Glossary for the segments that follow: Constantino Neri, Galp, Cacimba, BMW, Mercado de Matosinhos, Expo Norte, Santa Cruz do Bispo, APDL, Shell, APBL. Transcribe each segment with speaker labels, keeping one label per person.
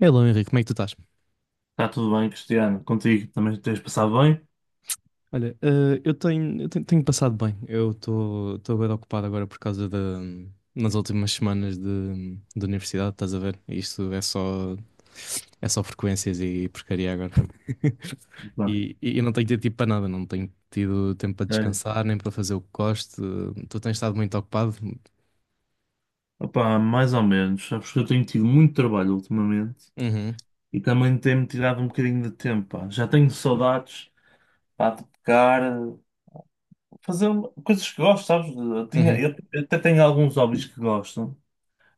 Speaker 1: Hello, Henrique, como é que tu estás?
Speaker 2: Está tudo bem, Cristiano? Contigo também tens passado bem?
Speaker 1: Olha, tenho passado bem. Eu estou bem ocupado agora por causa nas últimas semanas de universidade, estás a ver? É só frequências e porcaria agora.
Speaker 2: Pá,
Speaker 1: E eu não tenho tido tempo para nada, não tenho tido tempo para
Speaker 2: sério.
Speaker 1: descansar, nem para fazer o que gosto. Tu tens estado muito ocupado?
Speaker 2: Opá, mais ou menos. Sabes que eu tenho tido muito trabalho ultimamente
Speaker 1: Uhum,
Speaker 2: e também tem-me tirado um bocadinho de tempo. Pá. Já tenho saudades pá, de tocar, fazer coisas que gosto, sabes? Eu, tinha-
Speaker 1: uhum.
Speaker 2: eu- eu até tenho alguns hobbies que gosto,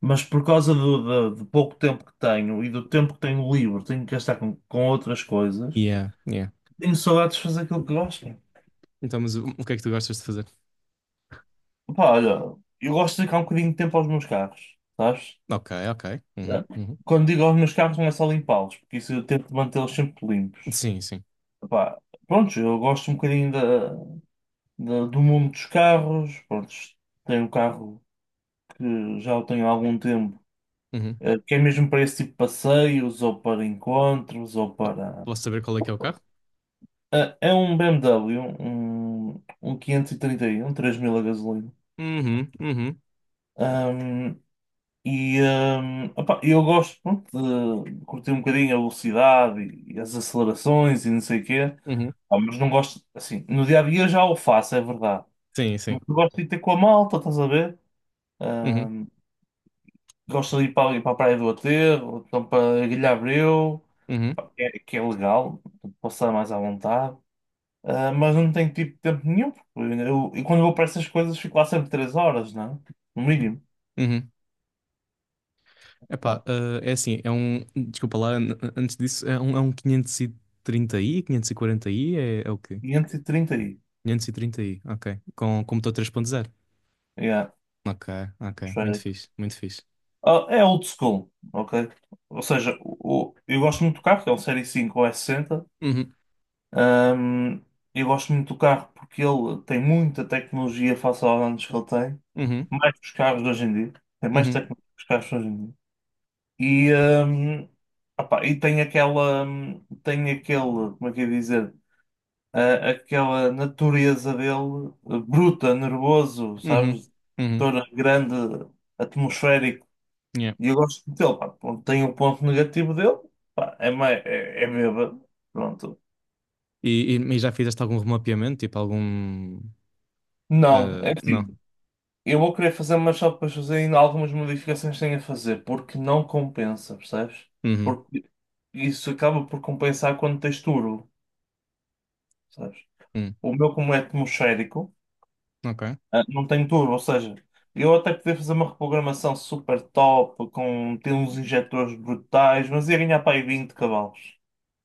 Speaker 2: mas por causa do pouco tempo que tenho e do tempo que tenho livre, tenho que gastar com outras coisas.
Speaker 1: Yeah, yeah.
Speaker 2: Tenho saudades de fazer aquilo que gosto.
Speaker 1: Então, mas o que é que tu gostas de fazer?
Speaker 2: Opá, olha, eu gosto de dedicar um bocadinho de tempo aos meus carros, sabes?
Speaker 1: Ok, ok.
Speaker 2: Não.
Speaker 1: Uhum, uhum.
Speaker 2: Quando digo aos meus carros, não é só limpá-los, porque isso eu tento mantê-los sempre limpos.
Speaker 1: Sim, sim.
Speaker 2: Epá, pronto, eu gosto um bocadinho do mundo dos carros. Pronto, tenho um carro que já o tenho há algum tempo,
Speaker 1: Uhum.
Speaker 2: que é mesmo para esse tipo de passeios, ou para encontros, ou
Speaker 1: Po-
Speaker 2: para.
Speaker 1: Posso saber qual é que é o carro?
Speaker 2: É um BMW, um, um quinhentos e trinta i, um, 3000 a gasolina.
Speaker 1: Uhum, uhum,
Speaker 2: Ahm, e opá, eu gosto pronto, de curtir um bocadinho a velocidade e as acelerações e não sei o quê.
Speaker 1: uhum.
Speaker 2: Ah, mas não gosto, assim, no dia a dia eu já o faço, é verdade.
Speaker 1: Sim,
Speaker 2: Mas
Speaker 1: sim.
Speaker 2: eu gosto de ir ter com a malta, estás a ver?
Speaker 1: Uhum,
Speaker 2: Ahm, gosto de ir para, ali para a Praia do Aterro, ou então para a Ilha Abreu,
Speaker 1: uhum,
Speaker 2: pá, que é legal, passar mais à vontade. Ah, mas não tenho tipo tempo nenhum, porque eu, e quando vou para essas coisas fico lá sempre 3 horas, não é? No mínimo.
Speaker 1: uhum.
Speaker 2: Pá,
Speaker 1: Epá, é assim, é um. Desculpa lá, antes disso, é um 530i 540i é o quê?
Speaker 2: 530 aí.
Speaker 1: Quinhentos e trinta i, ok. Com computador 3.0.
Speaker 2: Yeah,
Speaker 1: Ok, ok. Muito
Speaker 2: esférico.
Speaker 1: fixe, muito fixe.
Speaker 2: Ah, é old school, ok? Ou seja, eu gosto muito do carro, que é um Série 5 ou S60.
Speaker 1: Uhum,
Speaker 2: Ahm, eu gosto muito do carro porque ele tem muita tecnologia face aos anos que ele tem,
Speaker 1: uhum,
Speaker 2: mais que os carros de hoje em dia, tem mais
Speaker 1: uhum,
Speaker 2: tecnologia que os carros de hoje em dia. E, opá, e tem aquela, tem aquele, como é que eu ia dizer, ah, aquela natureza dele, bruta, nervoso,
Speaker 1: uhum,
Speaker 2: sabes,
Speaker 1: uhum.
Speaker 2: toda grande, atmosférico.
Speaker 1: Yeah.
Speaker 2: E eu gosto muito dele, pá. Pronto, tem o ponto negativo dele, pá, é, mais, é, é bêbado, pronto.
Speaker 1: E já fizeste algum remapeamento? Tipo, algum.
Speaker 2: Não, é
Speaker 1: Não.
Speaker 2: assim. Eu vou querer fazer, mas só depois fazer ainda algumas modificações que tenho a fazer, porque não compensa, percebes?
Speaker 1: Uhum,
Speaker 2: Porque isso acaba por compensar quando tens turbo, percebes?
Speaker 1: uhum.
Speaker 2: O meu, como é atmosférico,
Speaker 1: Ok,
Speaker 2: ah, não tem turbo, ou seja, eu até podia fazer uma reprogramação super top, com ter uns injetores brutais, mas ia ganhar para aí 20 cavalos.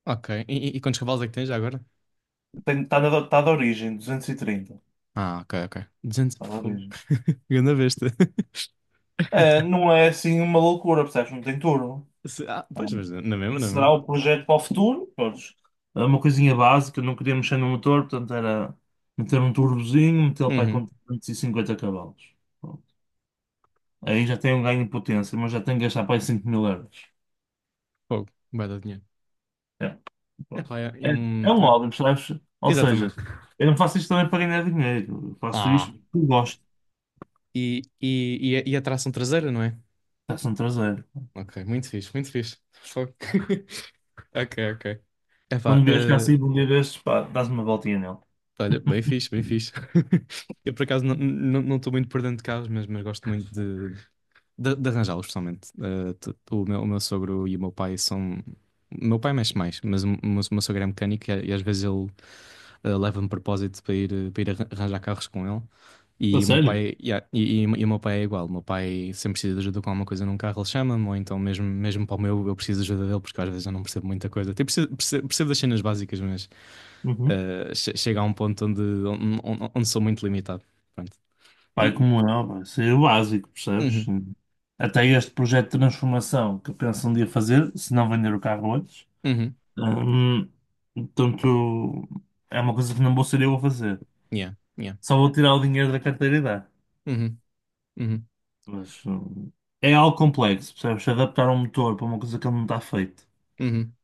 Speaker 1: ok. E quantos cavalos é que tens já agora?
Speaker 2: Tá da origem, 230.
Speaker 1: Ah, ok, ok. 200
Speaker 2: Está
Speaker 1: e
Speaker 2: da
Speaker 1: fogo.
Speaker 2: origem.
Speaker 1: Ganda besta.
Speaker 2: É, não é assim uma loucura, percebes? Não tem turbo.
Speaker 1: Ah, pois, mas na mesma, na
Speaker 2: Isso será
Speaker 1: mesma.
Speaker 2: o projeto para o futuro. Pronto, é uma coisinha básica, não queria mexer no motor, portanto era meter um turbozinho, meter lo para aí
Speaker 1: Uhum,
Speaker 2: com 350 cavalos. Pronto. Aí já tem um ganho de potência, mas já tem que gastar para aí 5 mil euros.
Speaker 1: fogo. Vai dar dinheiro.
Speaker 2: É,
Speaker 1: É,
Speaker 2: pronto.
Speaker 1: é, é
Speaker 2: É,
Speaker 1: um.
Speaker 2: é um
Speaker 1: é-
Speaker 2: hobby, percebes? Ou seja,
Speaker 1: Exatamente.
Speaker 2: eu não faço isto também para ganhar dinheiro, eu faço
Speaker 1: Ah,
Speaker 2: isto porque gosto.
Speaker 1: e a tração traseira, não é?
Speaker 2: Está-se um traseiro.
Speaker 1: Ok, muito fixe, muito fixe. Fogo. Ok, ok. É pá,
Speaker 2: Quando vieres cá assim, um dia destes, pá, dás uma voltinha nele.
Speaker 1: olha, bem fixe, bem fixe. Eu por acaso não estou muito por dentro de carros, mas gosto muito de, de arranjá-los, pessoalmente. O meu sogro e o meu pai são. O meu pai mexe mais, mas o meu sogro é mecânico e às vezes ele leva-me de propósito para ir arranjar carros com ele.
Speaker 2: A
Speaker 1: E o meu
Speaker 2: sério?
Speaker 1: pai, e, a- e, e o meu pai é igual. O meu pai sempre precisa de ajuda com alguma coisa num carro, ele chama-me, ou então mesmo, mesmo eu preciso de ajuda dele, porque às vezes eu não percebo muita coisa. Tipo, percebo das cenas básicas, mas
Speaker 2: Uhum.
Speaker 1: chega a um ponto onde sou muito limitado. Pronto.
Speaker 2: Pai
Speaker 1: E.
Speaker 2: como eu, pá, isso é o básico, percebes?
Speaker 1: Uhum,
Speaker 2: Até este projeto de transformação que eu penso um dia fazer, se não vender o carro antes,
Speaker 1: uhum,
Speaker 2: hum, portanto, é uma coisa que não vou ser eu a fazer.
Speaker 1: yeah, yeah,
Speaker 2: Só vou tirar o dinheiro da carteira e dar.
Speaker 1: uhum, uhum.
Speaker 2: Mas é algo complexo, percebes? Adaptar um motor para uma coisa que ele não está feito.
Speaker 1: Uhum.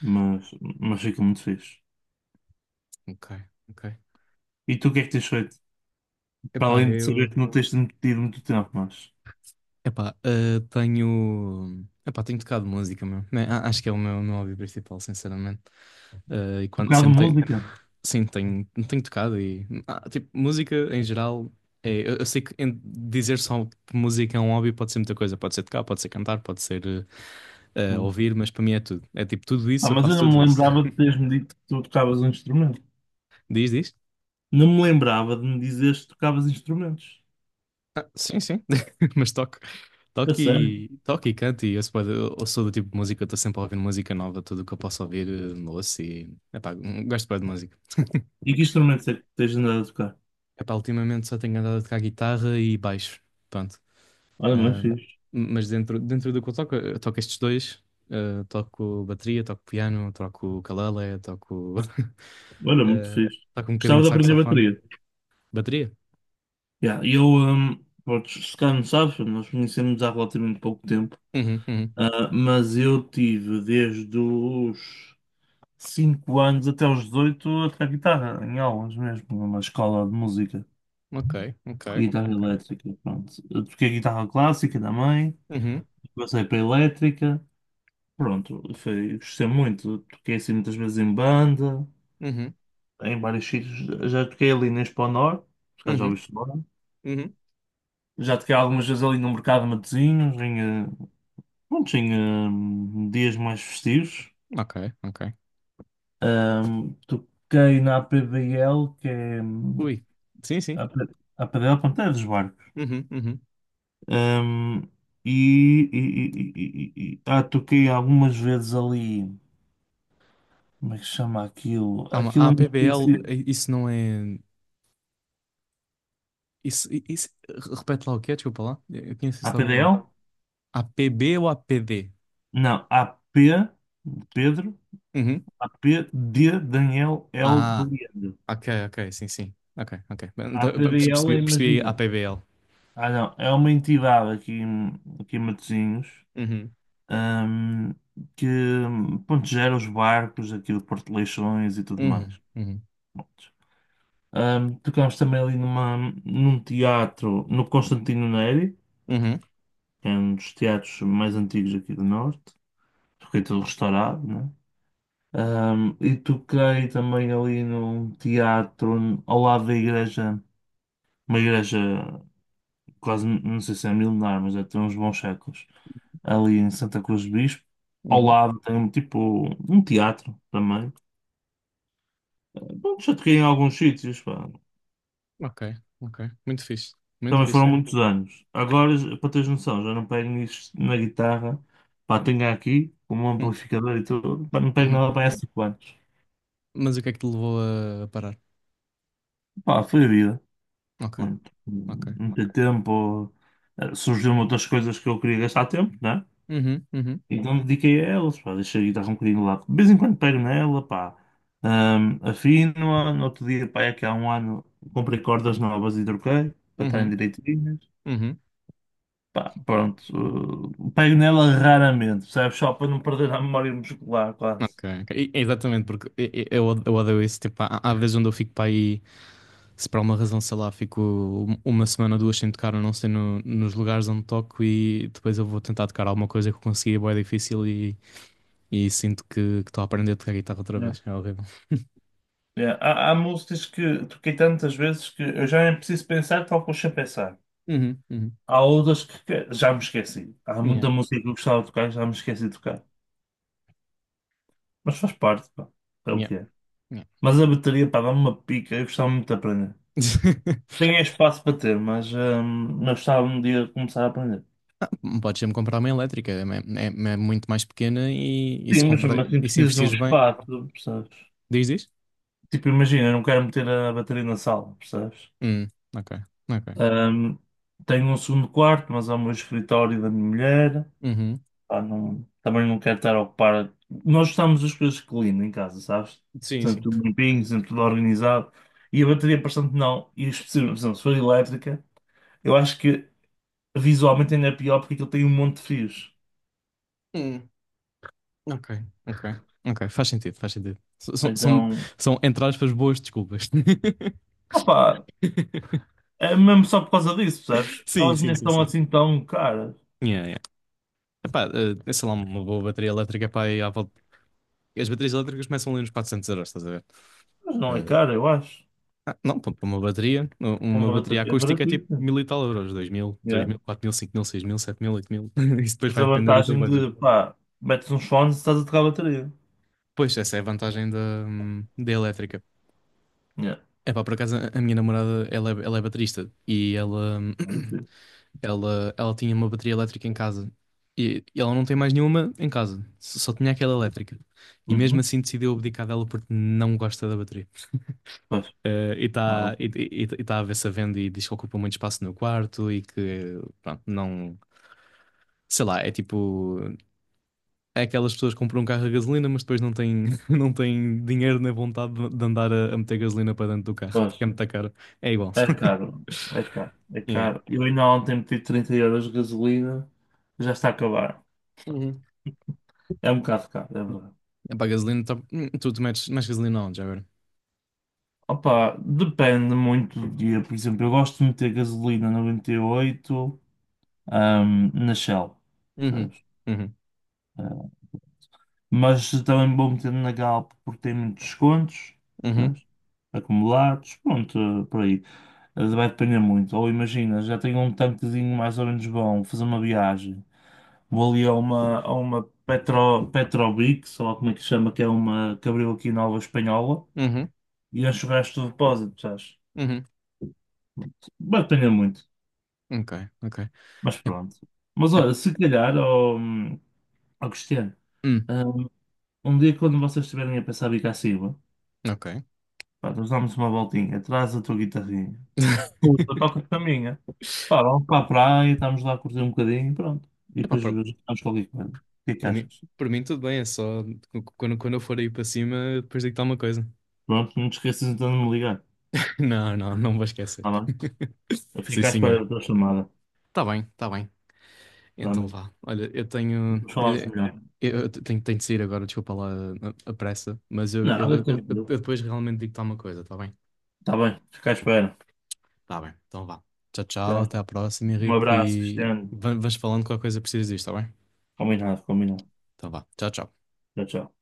Speaker 2: Mas, mas fica muito fixe.
Speaker 1: Ok, ok.
Speaker 2: E tu o que é que tens feito? Para
Speaker 1: Epá,
Speaker 2: além de saber
Speaker 1: eu.
Speaker 2: que não tens tido muito tempo, mas.
Speaker 1: Epá, tenho. Epá, tenho tocado música, meu. Acho que é meu hobby principal, sinceramente. Ah, e quando
Speaker 2: Tocado
Speaker 1: sempre tenho.
Speaker 2: música?
Speaker 1: Sim, tenho tocado e. Tipo, música em geral. Eu sei que dizer só que música é um hobby pode ser muita coisa. Pode ser tocar, pode ser cantar, pode ser
Speaker 2: Não. É?
Speaker 1: ouvir, mas para mim é tudo. É tipo, tudo
Speaker 2: Ah,
Speaker 1: isso, eu
Speaker 2: mas eu
Speaker 1: faço
Speaker 2: não
Speaker 1: tudo
Speaker 2: me
Speaker 1: isso.
Speaker 2: lembrava de teres-me dito que tu tocavas um instrumento.
Speaker 1: Diz, diz.
Speaker 2: Não me lembrava de me dizeres que tocavas instrumentos.
Speaker 1: Sim, sim, mas toco.
Speaker 2: A sério?
Speaker 1: Toque e cante, eu, se pode- eu sou do tipo de música, que eu estou sempre a ouvir música nova, tudo o que eu posso ouvir, ouço e. Epá, gosto bué de música.
Speaker 2: E que instrumentos é que tens andado a tocar?
Speaker 1: Epá, ultimamente só tenho andado a tocar guitarra e baixo, pronto.
Speaker 2: Olha, mas
Speaker 1: Ahm,
Speaker 2: fixe.
Speaker 1: mas dentro do que eu toco estes dois, toco bateria, toco piano, toco ukulele, toco,
Speaker 2: Olha, muito
Speaker 1: ah,
Speaker 2: fixe.
Speaker 1: toco um bocadinho
Speaker 2: Gostava
Speaker 1: de
Speaker 2: de aprender
Speaker 1: saxofone.
Speaker 2: bateria.
Speaker 1: Bateria?
Speaker 2: Yeah, eu, pronto, se calhar não sabes, nós conhecemos há relativamente pouco tempo.
Speaker 1: Uhum, uhum.
Speaker 2: Ah, mas eu tive desde os 5 anos até os 18 a tocar guitarra, em aulas mesmo, numa escola de música.
Speaker 1: Ok, ok,
Speaker 2: Guitarra
Speaker 1: ok.
Speaker 2: elétrica, pronto. Eu toquei guitarra clássica da mãe,
Speaker 1: Uhum,
Speaker 2: passei para a elétrica. Pronto, foi, gostei muito. Toquei assim muitas vezes em banda,
Speaker 1: uhum,
Speaker 2: em vários sítios. Já toquei ali na Expo Norte, por acaso já
Speaker 1: uhum,
Speaker 2: ouviste falar.
Speaker 1: uhum.
Speaker 2: Já toquei algumas vezes ali no Mercado de Matosinhos, em, pronto, em dias mais festivos.
Speaker 1: Ok, ok.
Speaker 2: Toquei na APDL, que é
Speaker 1: Ui, sim, sim.
Speaker 2: a P- a APDL, pronto, é dos barcos.
Speaker 1: Uhum, uhum.
Speaker 2: Ahm, e, e, e toquei algumas vezes ali, como é que se chama aquilo?
Speaker 1: Calma,
Speaker 2: Aquilo
Speaker 1: a
Speaker 2: é uma
Speaker 1: APBL,
Speaker 2: espécie.
Speaker 1: isso não é. Isso, isso. Repete lá o que é, desculpa lá. Eu conheço isso de algum lado.
Speaker 2: APDL?
Speaker 1: APB ou APD.
Speaker 2: Não, AP de Pedro,
Speaker 1: Uhum.
Speaker 2: A P de Daniel L de
Speaker 1: Ah,
Speaker 2: Leandro.
Speaker 1: ok, ok, sim, sim. Ok, ok. Então,
Speaker 2: APDL é,
Speaker 1: Percebi a
Speaker 2: imagina.
Speaker 1: APBL.
Speaker 2: Ah, não, é uma entidade aqui em Matosinhos,
Speaker 1: Uhum,
Speaker 2: ahm, que pronto, gera os barcos aqui do Porto de Leixões e tudo
Speaker 1: uhum,
Speaker 2: mais.
Speaker 1: uhum,
Speaker 2: Pronto. Tocámos também ali numa, num teatro, no Constantino Neri,
Speaker 1: uhum,
Speaker 2: que é um dos teatros mais antigos aqui do Norte. Fiquei todo restaurado, né? E toquei também ali num teatro ao lado da igreja, uma igreja quase, não sei se é milenar, mas é tem uns bons séculos, ali em Santa Cruz do Bispo. Ao
Speaker 1: uhum.
Speaker 2: lado tem um tipo um teatro também. Ah, bom, já toquei em alguns sítios, pá.
Speaker 1: Ok, ok. Muito fixe, muito
Speaker 2: Também
Speaker 1: fixe.
Speaker 2: foram muitos anos. Agora, para teres noção, já não pego nisso na guitarra, pá, tenho aqui como um
Speaker 1: Hum,
Speaker 2: amplificador e tudo, pá, não pego nada
Speaker 1: uhum.
Speaker 2: para há cinco anos.
Speaker 1: Mas o que é que te levou a parar?
Speaker 2: Pá, foi a vida.
Speaker 1: Ok,
Speaker 2: Pronto,
Speaker 1: ok.
Speaker 2: meti tempo, surgiram outras coisas que eu queria gastar tempo, né?
Speaker 1: Uhum, uhum,
Speaker 2: Então dediquei a elas, pá, deixei a guitarra um bocadinho lá. Lado. De vez em quando pego nela, pá. Afino-a, no outro dia, pá, é que há um ano comprei cordas novas e troquei, para estarem
Speaker 1: uhum,
Speaker 2: direitinhas.
Speaker 1: uhum.
Speaker 2: Pá, pronto, pego nela raramente, percebes? Só para não perder a memória muscular, quase.
Speaker 1: Ok, ok. Exatamente, porque eu odeio isso. Tipo, há vezes onde eu fico para aí, se por alguma razão, sei lá, fico uma semana, duas sem tocar, ou não sei, nos lugares onde toco e depois eu vou tentar tocar alguma coisa que eu consegui, é bué difícil e sinto que estou a aprender a tocar guitarra outra
Speaker 2: Né?
Speaker 1: vez. É horrível.
Speaker 2: É, há, há músicas que toquei tantas vezes que eu já nem preciso pensar, toco sem pensar.
Speaker 1: Uhum, uhum.
Speaker 2: Há outras que já me esqueci. Há
Speaker 1: Yeah,
Speaker 2: muita música que eu gostava de tocar e já me esqueci de tocar. Mas faz parte, pá. É o
Speaker 1: yeah,
Speaker 2: que é.
Speaker 1: yeah.
Speaker 2: Mas a bateria, pá, dá-me uma pica. Eu gostava muito de aprender. Tenho espaço para ter, mas gostava um dia de começar a aprender.
Speaker 1: Ah, podes sempre comprar uma elétrica, é muito mais pequena e se
Speaker 2: Sim,
Speaker 1: comprar,
Speaker 2: mas assim,
Speaker 1: e se
Speaker 2: precisas de um
Speaker 1: investires bem,
Speaker 2: espaço, percebes?
Speaker 1: diz, diz?
Speaker 2: Tipo, imagina, eu não quero meter a bateria na sala, percebes?
Speaker 1: Hum, ok, ok.
Speaker 2: Hum, tenho um segundo quarto, mas há o meu escritório da minha mulher.
Speaker 1: Uhum.
Speaker 2: Pá, não- também não quero estar a ocupar. Nós gostamos das coisas clean em casa, sabes?
Speaker 1: Sim,
Speaker 2: Sempre tudo limpinho, sempre tudo organizado. E a bateria, bastante não. E especialmente, por exemplo, se for elétrica, eu acho que visualmente ainda é pior porque aquilo tem um monte de fios.
Speaker 1: sim. Ok, ok, ok, faz sentido, faz sentido.
Speaker 2: Então,
Speaker 1: São entre aspas, boas desculpas.
Speaker 2: opá, é mesmo só por causa disso, percebes?
Speaker 1: Sim,
Speaker 2: Elas
Speaker 1: sim,
Speaker 2: nem
Speaker 1: sim,
Speaker 2: estão
Speaker 1: sim.
Speaker 2: assim tão caras.
Speaker 1: Yeah, yeah. Epá, sei lá, uma boa bateria elétrica, pá, aí à volta. As baterias elétricas começam ali nos 400 euros, estás a ver?
Speaker 2: Mas não é
Speaker 1: Eh,
Speaker 2: cara, eu acho.
Speaker 1: não, pá, uma
Speaker 2: Uma
Speaker 1: bateria
Speaker 2: bateria é
Speaker 1: acústica é tipo
Speaker 2: baratíssima.
Speaker 1: mil e tal euros, 2000, três
Speaker 2: Yeah.
Speaker 1: mil, 4000, 5000, 6000, 7000, 8000. Isso depois
Speaker 2: Tens a
Speaker 1: vai depender do teu
Speaker 2: vantagem
Speaker 1: budget.
Speaker 2: de, pá, metes uns fones e estás a tocar a bateria.
Speaker 1: Pois, essa é a vantagem da elétrica.
Speaker 2: Yeah.
Speaker 1: É pá, por acaso a minha namorada, ela é baterista e ela.
Speaker 2: Não sei.
Speaker 1: Ela tinha uma bateria elétrica em casa e ela não tem mais nenhuma em casa, só tinha aquela elétrica. E mesmo
Speaker 2: Uhum.
Speaker 1: assim decidiu abdicar dela porque não gosta da bateria.
Speaker 2: Pois,
Speaker 1: E
Speaker 2: claro.
Speaker 1: está e tá a ver-se a venda e diz que ocupa muito espaço no quarto e que, pronto, não. Sei lá, é tipo. É aquelas pessoas que compram um carro a gasolina, mas depois não têm, não têm dinheiro nem vontade de andar a meter gasolina para dentro do carro, porque
Speaker 2: Pois,
Speaker 1: é muito caro. É igual.
Speaker 2: é caro, é caro, é
Speaker 1: Yeah.
Speaker 2: caro. Eu ainda ontem meti 30 euros de gasolina, já está a acabar.
Speaker 1: Uhum.
Speaker 2: É um bocado caro, é verdade.
Speaker 1: É para a gasolina, tu metes mais gasolina onde, já agora?
Speaker 2: Opa, depende muito do dia. Por exemplo, eu gosto de meter gasolina 98, na Shell,
Speaker 1: Uhum.
Speaker 2: percebes?
Speaker 1: Uhum.
Speaker 2: Ah, mas também vou meter na Galp porque tem muitos descontos,
Speaker 1: Uhum,
Speaker 2: percebes? Acumulados, pronto, ah, por aí. Ah, vai depender muito. Ou imagina, já tenho um tanquezinho mais ou menos bom, vou fazer uma viagem. Vou ali a uma Petro, Petrobix, sei lá como é que se chama, que é uma que abriu aqui na alva Espanhola,
Speaker 1: uhum,
Speaker 2: e encho o resto do depósito, sabes?
Speaker 1: uhum.
Speaker 2: Batalha muito,
Speaker 1: Ok, ok.
Speaker 2: mas
Speaker 1: É,
Speaker 2: pronto. Mas
Speaker 1: é,
Speaker 2: olha, se calhar, ó ó Cristiano,
Speaker 1: hum,
Speaker 2: hum, um, dia quando vocês estiverem a pensar em Cacimba,
Speaker 1: ok.
Speaker 2: pá, nós damos uma voltinha, traz a tua guitarrinha, ou eu toco com a minha, pá, vamos para a praia, estamos lá a curtir um bocadinho, pronto, e
Speaker 1: Epá,
Speaker 2: depois vamos qualquer coisa. O que é que
Speaker 1: para mim,
Speaker 2: achas?
Speaker 1: para mim tudo bem, é só quando eu for aí para cima, depois digo-te alguma coisa.
Speaker 2: Pronto, não te esqueças então de me ligar,
Speaker 1: Não, não, não vou esquecer.
Speaker 2: tá bem? Eu
Speaker 1: Sim,
Speaker 2: fico à espera
Speaker 1: senhor.
Speaker 2: da tua chamada.
Speaker 1: Tá bem, tá bem. Então
Speaker 2: Realmente.
Speaker 1: vá. Olha, eu tenho.
Speaker 2: Depois falamos melhor.
Speaker 1: Tenho de sair agora, desculpa lá a pressa, mas
Speaker 2: Nada,
Speaker 1: eu
Speaker 2: tranquilo.
Speaker 1: depois realmente digo-te alguma coisa, tá bem?
Speaker 2: Tá bem, fica à espera.
Speaker 1: Tá bem, então vá. Tchau, tchau,
Speaker 2: Tá.
Speaker 1: até à próxima,
Speaker 2: Um
Speaker 1: Henrique,
Speaker 2: abraço,
Speaker 1: e
Speaker 2: Cristiano.
Speaker 1: vais falando qualquer coisa que precisas disto, tá bem?
Speaker 2: Combinado, combinado.
Speaker 1: Então vá, tchau, tchau.
Speaker 2: Tchau, tchau.